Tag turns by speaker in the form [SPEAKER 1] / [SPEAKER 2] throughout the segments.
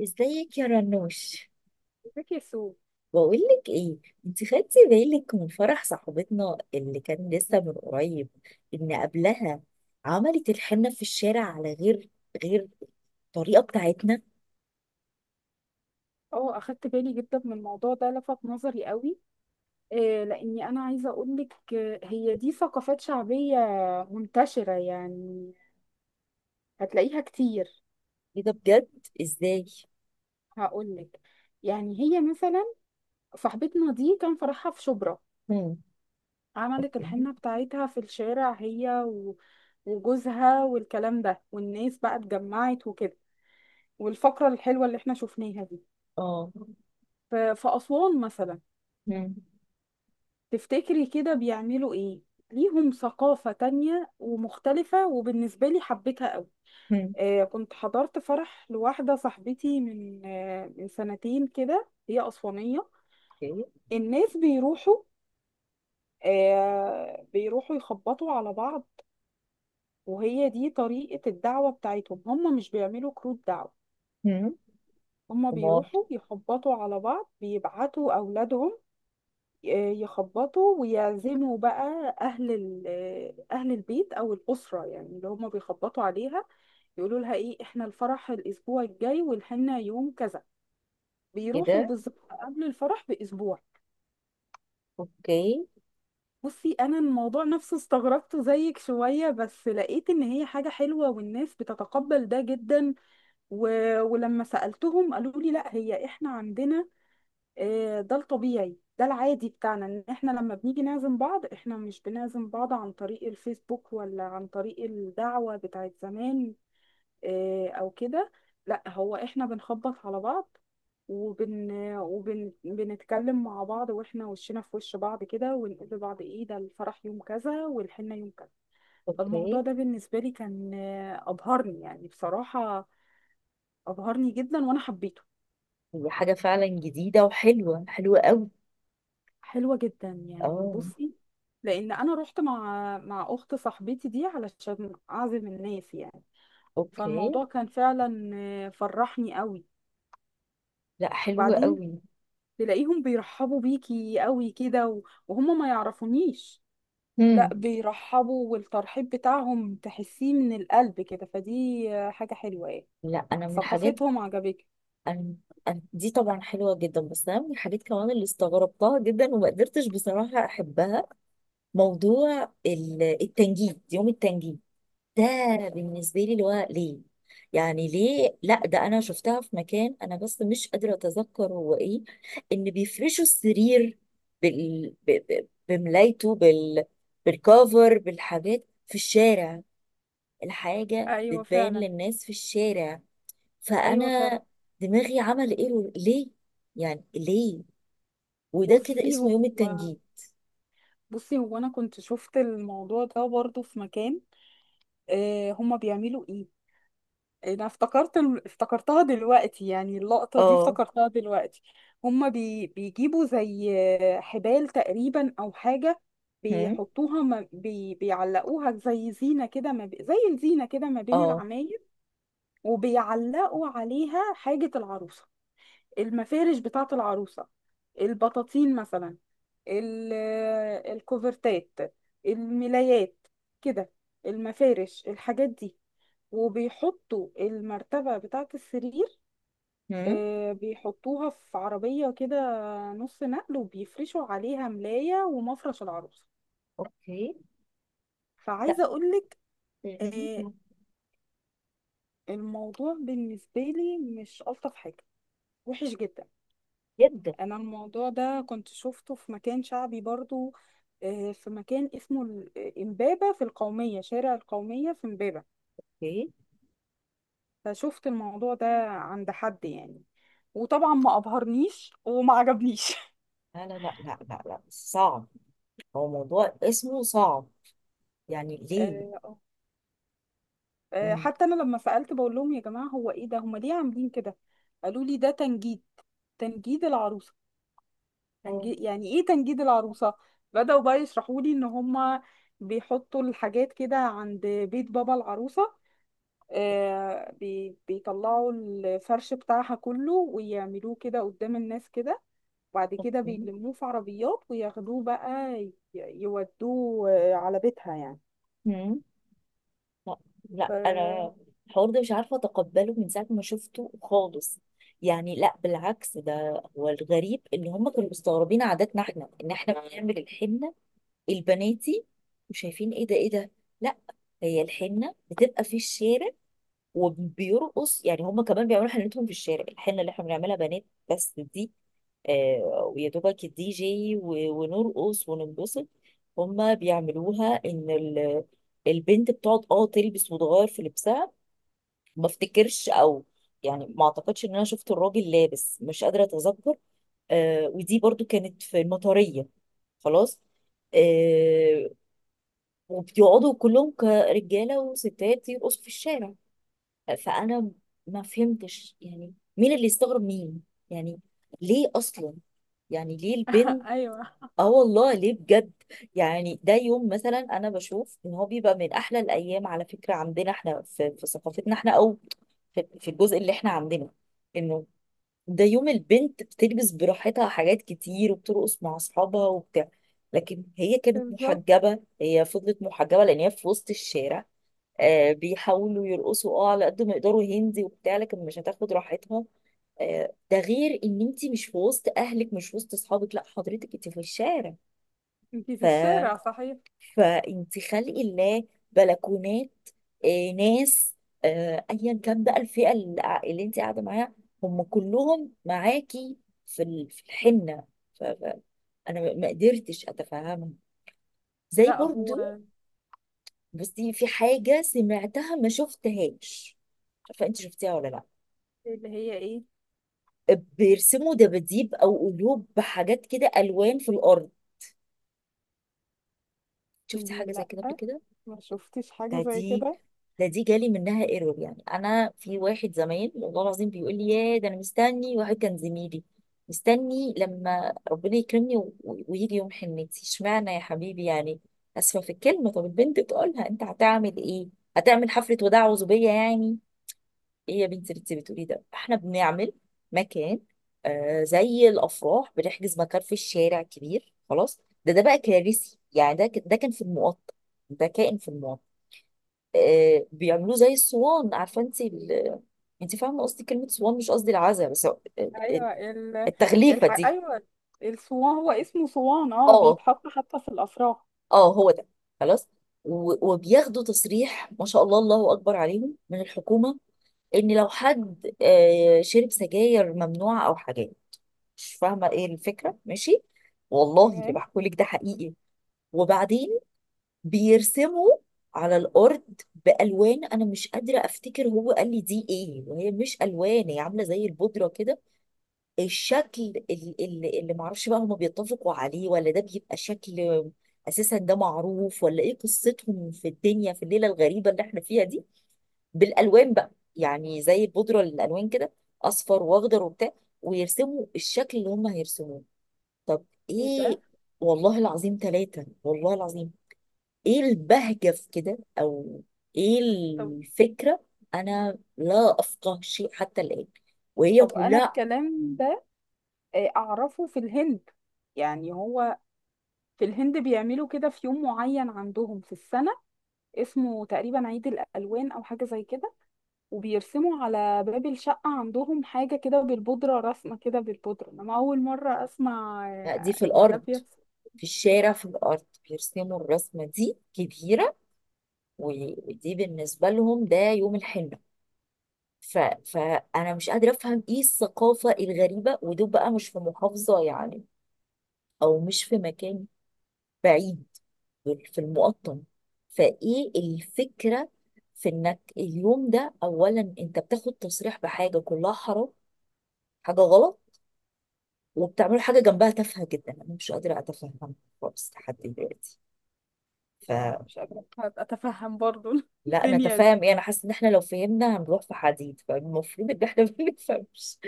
[SPEAKER 1] ازيك يا رنوش؟
[SPEAKER 2] ذكي سو.
[SPEAKER 1] بقولك ايه، انت خدتي بالك من فرح صاحبتنا اللي كان لسه من قريب؟ ان قبلها عملت الحنة في الشارع على غير الطريقة بتاعتنا.
[SPEAKER 2] اه اخدت بالي جدا من الموضوع ده، لفت نظري قوي. آه، لاني انا عايزه اقول لك، هي دي ثقافات شعبيه منتشره يعني، هتلاقيها كتير.
[SPEAKER 1] ايه ده بجد؟ ازاي؟
[SPEAKER 2] هقول لك، يعني هي مثلا صاحبتنا دي كان فرحها في شبرا.
[SPEAKER 1] مم.
[SPEAKER 2] عملت
[SPEAKER 1] اوكي.
[SPEAKER 2] الحنه بتاعتها في الشارع هي وجوزها والكلام ده، والناس بقى اتجمعت وكده، والفقره الحلوه اللي احنا شفناها دي.
[SPEAKER 1] اه.
[SPEAKER 2] في اسوان مثلا
[SPEAKER 1] مم.
[SPEAKER 2] تفتكري كده بيعملوا ايه؟ ليهم ثقافة تانية ومختلفة، وبالنسبة لي حبيتها قوي.
[SPEAKER 1] مم.
[SPEAKER 2] آه، كنت حضرت فرح لواحدة صاحبتي من من سنتين كده، هي أسوانية.
[SPEAKER 1] اوكي.
[SPEAKER 2] الناس بيروحوا، بيروحوا يخبطوا على بعض. وهي دي طريقة الدعوة بتاعتهم، هم مش بيعملوا كروت دعوة.
[SPEAKER 1] مم.
[SPEAKER 2] هم
[SPEAKER 1] امال.
[SPEAKER 2] بيروحوا يخبطوا على بعض، بيبعتوا أولادهم يخبطوا ويعزموا بقى أهل أهل البيت أو الأسرة، يعني اللي هما بيخبطوا عليها يقولوا لها إيه، إحنا الفرح الأسبوع الجاي والحنة يوم كذا.
[SPEAKER 1] ايه
[SPEAKER 2] بيروحوا
[SPEAKER 1] ده.
[SPEAKER 2] بالظبط قبل الفرح بأسبوع.
[SPEAKER 1] اوكي.
[SPEAKER 2] بصي أنا الموضوع نفسه استغربته زيك شوية، بس لقيت إن هي حاجة حلوة والناس بتتقبل ده جدا. و... ولما سألتهم قالوا لي لا، هي إحنا عندنا، ده الطبيعي، ده العادي بتاعنا، ان احنا لما بنيجي نعزم بعض، احنا مش بنعزم بعض عن طريق الفيسبوك ولا عن طريق الدعوة بتاعت زمان. او كده، لا، هو احنا بنخبط على بعض وبن وبنتكلم مع بعض، واحنا وشنا في وش بعض كده، ونقول لبعض ايه، ده الفرح يوم كذا والحنة يوم كذا. فالموضوع
[SPEAKER 1] اوكي.
[SPEAKER 2] ده بالنسبة لي كان أبهرني يعني بصراحة، أبهرني جدا وأنا حبيته.
[SPEAKER 1] هي حاجة فعلا جديدة وحلوة حلوة قوي.
[SPEAKER 2] حلوة جدا يعني.
[SPEAKER 1] اه.
[SPEAKER 2] بصي، لأن أنا رحت مع أخت صاحبتي دي علشان أعزم الناس يعني.
[SPEAKER 1] اوكي.
[SPEAKER 2] فالموضوع كان فعلا فرحني قوي.
[SPEAKER 1] لا، حلوة
[SPEAKER 2] وبعدين
[SPEAKER 1] قوي.
[SPEAKER 2] تلاقيهم بيرحبوا بيكي قوي كده وهم ما يعرفونيش.
[SPEAKER 1] مم.
[SPEAKER 2] لا، بيرحبوا، والترحيب بتاعهم تحسيه من القلب كده. فدي حاجة حلوة يعني.
[SPEAKER 1] لا انا من الحاجات.
[SPEAKER 2] ثقافتهم عجبتني.
[SPEAKER 1] أنا أنا دي طبعا حلوة جدا، بس أنا من الحاجات كمان اللي استغربتها جدا وما قدرتش بصراحة أحبها. موضوع التنجيد، يوم التنجيد ده، بالنسبة لي اللي هو ليه؟ يعني ليه؟ لا ده أنا شفتها في مكان، أنا بس مش قادرة أتذكر هو إيه. إن بيفرشوا السرير بملايته، بالكوفر، بالحاجات في الشارع. الحاجة
[SPEAKER 2] ايوه
[SPEAKER 1] بتبان
[SPEAKER 2] فعلا.
[SPEAKER 1] للناس في الشارع.
[SPEAKER 2] ايوه فعلا.
[SPEAKER 1] فانا دماغي عمل ايرور، ليه يعني؟ ليه؟ وده كده
[SPEAKER 2] بصي هو
[SPEAKER 1] اسمه يوم التنجيم.
[SPEAKER 2] بصي هو انا كنت شفت الموضوع ده برضو في مكان. هما بيعملوا ايه؟ انا افتكرت افتكرتها دلوقتي، يعني اللقطة دي
[SPEAKER 1] اه.
[SPEAKER 2] افتكرتها دلوقتي. بيجيبوا زي حبال تقريبا او حاجة.
[SPEAKER 1] هم.
[SPEAKER 2] بيحطوها ما... بي... بيعلقوها زي زينة كده، ما... ب... زي الزينة كده ما بين
[SPEAKER 1] اه.
[SPEAKER 2] العماير. وبيعلقوا عليها حاجة العروسة، المفارش بتاعة العروسة، البطاطين مثلا، ال... آه، الكوفرتات، الملايات كده، المفارش، الحاجات دي. وبيحطوا المرتبة بتاعة السرير
[SPEAKER 1] هم.
[SPEAKER 2] بيحطوها في عربية كده، نص نقل، وبيفرشوا عليها ملاية ومفرش العروسة.
[SPEAKER 1] اوكي. لا،
[SPEAKER 2] فعايزة أقولك آه،
[SPEAKER 1] غريبة
[SPEAKER 2] الموضوع بالنسبة لي مش ألطف حاجة، وحش جدا.
[SPEAKER 1] جدا.
[SPEAKER 2] أنا الموضوع ده كنت شفته في مكان شعبي برضو، في مكان اسمه إمبابة، في القومية، شارع القومية في إمبابة.
[SPEAKER 1] اوكي.
[SPEAKER 2] فشفت الموضوع ده عند حد يعني، وطبعا ما أبهرنيش وما عجبنيش.
[SPEAKER 1] لا لا لا لا لا لا، صعب. هو موضوع اسمه صعب، يعني ليه؟ مم.
[SPEAKER 2] حتى انا لما سألت بقول لهم يا جماعة هو ايه ده، هما ليه عاملين كده؟ قالوا لي ده تنجيد، تنجيد العروسة.
[SPEAKER 1] اه.
[SPEAKER 2] تنجيد يعني ايه تنجيد العروسة؟ بدأوا بقى يشرحوا لي ان هما بيحطوا الحاجات كده عند بيت بابا العروسة. بيطلعوا الفرش بتاعها كله ويعملوه كده قدام الناس كده، وبعد كده
[SPEAKER 1] اوكي.
[SPEAKER 2] بيلموه في عربيات وياخدوه بقى يودوه على بيتها يعني.
[SPEAKER 1] هم. لا.
[SPEAKER 2] ف...
[SPEAKER 1] لا انا الحوار ده مش عارفة اتقبله من ساعة ما شفته خالص. يعني لا بالعكس، ده هو الغريب ان هم كانوا مستغربين عاداتنا احنا، ان احنا بنعمل الحنة البناتي، وشايفين ايه ده ايه ده. لا، هي الحنه بتبقى في الشارع وبيرقص، يعني هم كمان بيعملوا حنتهم في الشارع. الحنه اللي احنا بنعملها بنات بس دي، آه، ويا دوبك الدي جي ونرقص وننبسط. هم بيعملوها ان البنت بتقعد، تلبس وتغير في لبسها. ما افتكرش، او يعني ما اعتقدش ان انا شفت الراجل لابس، مش قادره اتذكر. آه، ودي برضو كانت في المطريه، خلاص. آه، وبيقعدوا كلهم كرجاله وستات يرقصوا في الشارع. فانا ما فهمتش يعني مين اللي استغرب مين؟ يعني ليه اصلا؟ يعني ليه البنت؟
[SPEAKER 2] ايوه.
[SPEAKER 1] اه والله ليه بجد؟ يعني ده يوم مثلا انا بشوف ان هو بيبقى من احلى الايام على فكره عندنا احنا في، في, ثقافتنا احنا، او في الجزء اللي احنا عندنا، انه ده يوم البنت بتلبس براحتها حاجات كتير وبترقص مع اصحابها وبتاع. لكن هي كانت
[SPEAKER 2] بالظبط،
[SPEAKER 1] محجبة، هي فضلت محجبة لان هي في وسط الشارع. آه، بيحاولوا يرقصوا، على قد ما يقدروا هندي وبتاع، لكن مش هتاخد راحتها. آه، ده غير ان انت مش في وسط اهلك، مش في وسط اصحابك، لا حضرتك انت في الشارع.
[SPEAKER 2] انتي
[SPEAKER 1] ف
[SPEAKER 2] في الشارع صحيح.
[SPEAKER 1] فانت خلق الله بلكونات، آه، ناس، آه، ايا كان بقى الفئه اللي انت قاعده معاها، هم كلهم معاكي في في الحنه. ف- ف- انا ما قدرتش اتفهمها، زي
[SPEAKER 2] لا
[SPEAKER 1] برضو.
[SPEAKER 2] هو.
[SPEAKER 1] بصي، في حاجه سمعتها ما شفتهاش، فانت شفتيها ولا لا؟
[SPEAKER 2] اللي هي ايه؟
[SPEAKER 1] بيرسموا دباديب او قلوب بحاجات كده، الوان في الارض. شفتي حاجه زي
[SPEAKER 2] لا،
[SPEAKER 1] كده قبل كده؟
[SPEAKER 2] ما شفتش حاجة زي
[SPEAKER 1] فدي
[SPEAKER 2] كده.
[SPEAKER 1] فدي جالي منها ايرور. يعني انا، في واحد زمان والله العظيم بيقول لي، يا ده انا مستني، واحد كان زميلي، مستني لما ربنا يكرمني ويجي يوم حنتي، اشمعنى يا حبيبي يعني؟ اسفه في الكلمه. طب البنت تقولها، انت هتعمل ايه؟ هتعمل حفله وداع وزوبيه يعني؟ ايه يا بنتي اللي انت بتقولي ده؟ احنا بنعمل مكان، آه، زي الافراح، بنحجز مكان في الشارع كبير. خلاص، ده بقى كارثي. يعني ده كان في المقطم، ده كائن في المقطم. آه، بيعملوه زي الصوان، عارفه انت انت فاهمه قصدي كلمه صوان، مش قصدي العزا، بس
[SPEAKER 2] ايوه ال...
[SPEAKER 1] التغليفه دي.
[SPEAKER 2] ايوه، الصوان، هو اسمه صوان، اه،
[SPEAKER 1] اه،
[SPEAKER 2] بيتحط حتى في الافراح.
[SPEAKER 1] اه، هو ده، خلاص. وبياخدوا تصريح، ما شاء الله، الله اكبر عليهم، من الحكومه، ان لو حد آه، شرب سجاير ممنوعه او حاجات. مش فاهمه ايه الفكره، ماشي. والله اللي
[SPEAKER 2] تمام.
[SPEAKER 1] بحكولك ده حقيقي. وبعدين بيرسموا على الارض بالوان، انا مش قادره افتكر هو قال لي دي ايه، وهي مش الوان، هي عامله زي البودره كده. الشكل اللي معرفش بقى هما بيتفقوا عليه، ولا ده بيبقى شكل اساسا ده معروف، ولا ايه قصتهم في الدنيا في الليله الغريبه اللي احنا فيها دي؟ بالالوان بقى، يعني زي البودره الالوان كده، اصفر واخضر وبتاع، ويرسموا الشكل اللي هما هيرسموه. طب
[SPEAKER 2] ايه
[SPEAKER 1] ايه؟
[SPEAKER 2] ده؟
[SPEAKER 1] والله العظيم، ثلاثة والله العظيم، ايه البهجة في كده، او ايه
[SPEAKER 2] طب،
[SPEAKER 1] الفكرة؟ انا لا افقه شيء حتى الآن. وهي
[SPEAKER 2] طب انا
[SPEAKER 1] كلها
[SPEAKER 2] الكلام ده اعرفه في الهند. يعني هو في الهند بيعملوا كده في يوم معين عندهم في السنة، اسمه تقريبا عيد الالوان او حاجة زي كده. وبيرسموا على باب الشقة عندهم حاجة كده بالبودرة، رسمة كده بالبودرة. أنا أول مرة أسمع
[SPEAKER 1] دي في
[SPEAKER 2] إن ده
[SPEAKER 1] الارض،
[SPEAKER 2] بيحصل.
[SPEAKER 1] في الشارع، في الارض بيرسموا الرسمة دي كبيرة، ودي بالنسبة لهم ده يوم الحنة. ف... فانا مش قادرة افهم ايه الثقافة الغريبة، ودول بقى مش في محافظة يعني، او مش في مكان بعيد، يعني في المقطم. فايه الفكرة في انك اليوم ده اولا انت بتاخد تصريح بحاجة كلها حرام، حاجة غلط، وبتعمل حاجة جنبها تافهة جدا. انا مش قادرة اتفهم خالص لحد دلوقتي.
[SPEAKER 2] أنا
[SPEAKER 1] فلا.
[SPEAKER 2] مش قادرة أتفهم برضو
[SPEAKER 1] انا
[SPEAKER 2] الدنيا دي.
[SPEAKER 1] تفاهم ايه؟ انا حاسه ان احنا لو فهمنا هنروح في حديد، فالمفروض ان احنا ما نفهمش.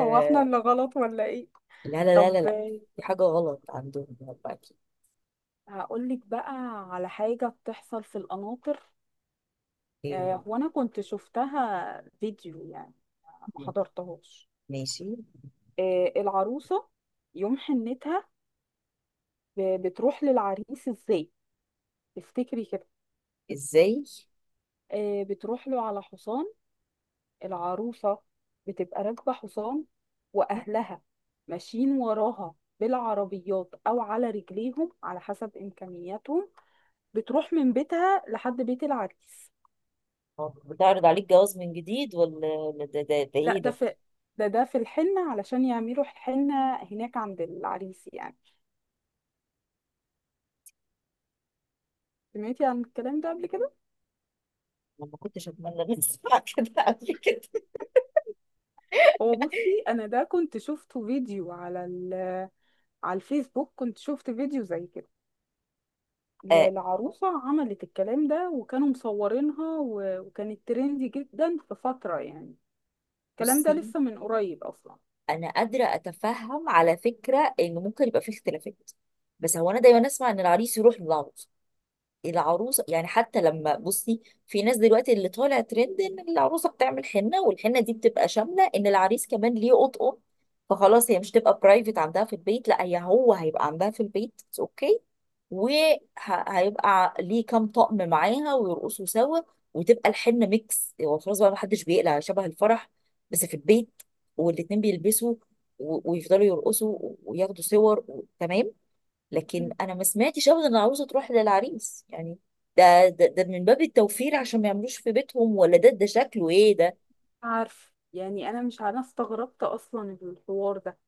[SPEAKER 2] هو إحنا اللي غلط ولا إيه؟
[SPEAKER 1] لا لا لا لا
[SPEAKER 2] طب
[SPEAKER 1] لا، في حاجه غلط عندهم هم اكيد.
[SPEAKER 2] هقولك بقى على حاجة بتحصل في القناطر.
[SPEAKER 1] إيه،
[SPEAKER 2] هو أنا كنت شفتها فيديو يعني، ما حضرتهاش.
[SPEAKER 1] ماشي.
[SPEAKER 2] العروسة يوم حنتها بتروح للعريس إزاي؟ تفتكري كده؟
[SPEAKER 1] ازاي؟
[SPEAKER 2] بتروح له على حصان. العروسة بتبقى راكبة حصان، وأهلها ماشيين وراها بالعربيات أو على رجليهم على حسب إمكانياتهم، بتروح من بيتها لحد بيت العريس.
[SPEAKER 1] هو بتعرض عليك جواز من جديد، ولا ده
[SPEAKER 2] لا
[SPEAKER 1] ايه
[SPEAKER 2] ده
[SPEAKER 1] ده؟
[SPEAKER 2] في، ده في الحنة علشان يعملوا حنة هناك عند العريس يعني. سمعتي عن الكلام ده قبل كده؟
[SPEAKER 1] انا ما كنتش اتمنى ان اسمع كده قبل كده.
[SPEAKER 2] هو بصي، أنا ده كنت شفته فيديو على على الفيسبوك. كنت شفت فيديو زي كده،
[SPEAKER 1] آه.
[SPEAKER 2] العروسة عملت الكلام ده وكانوا مصورينها وكانت ترندي جدا في فترة يعني. الكلام ده
[SPEAKER 1] بصي،
[SPEAKER 2] لسه من قريب أصلا.
[SPEAKER 1] انا قادره اتفهم على فكره ان ممكن يبقى فيه اختلافات، بس هو انا دايما اسمع ان العريس يروح للعروسه، العروسه يعني. حتى لما بصي في ناس دلوقتي اللي طالع ترند ان العروسه بتعمل حنه، والحنه دي بتبقى شامله ان العريس كمان ليه قطقه. فخلاص هي مش تبقى برايفت عندها في البيت، لا هي، هو هيبقى عندها في البيت. اوكي. وهيبقى ليه كام طقم معاها ويرقصوا سوا، وتبقى الحنه ميكس. هو خلاص بقى محدش بيقلع شبه الفرح، بس في البيت، والاتنين بيلبسوا ويفضلوا يرقصوا وياخدوا صور تمام. لكن
[SPEAKER 2] مم.
[SPEAKER 1] انا ما سمعتش ابدا ان العروسه تروح للعريس يعني. ده من باب التوفير عشان ما يعملوش في بيتهم، ولا ده شكله ايه ده؟
[SPEAKER 2] عارف يعني، أنا مش أنا استغربت أصلا الحوار ده.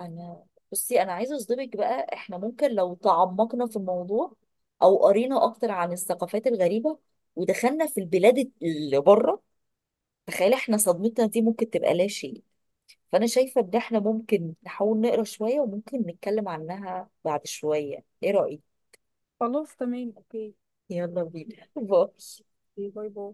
[SPEAKER 1] انا، بصي انا عايزه اصدمك بقى، احنا ممكن لو تعمقنا في الموضوع، او قرينا اكتر عن الثقافات الغريبه، ودخلنا في البلاد اللي بره، تخيل احنا صدمتنا دي ممكن تبقى لا شيء. فانا شايفه ان احنا ممكن نحاول نقرا شويه، وممكن نتكلم عنها بعد شويه. ايه رايك؟
[SPEAKER 2] خلاص، تمام، أوكي.
[SPEAKER 1] يلا بينا باي.
[SPEAKER 2] باي باي.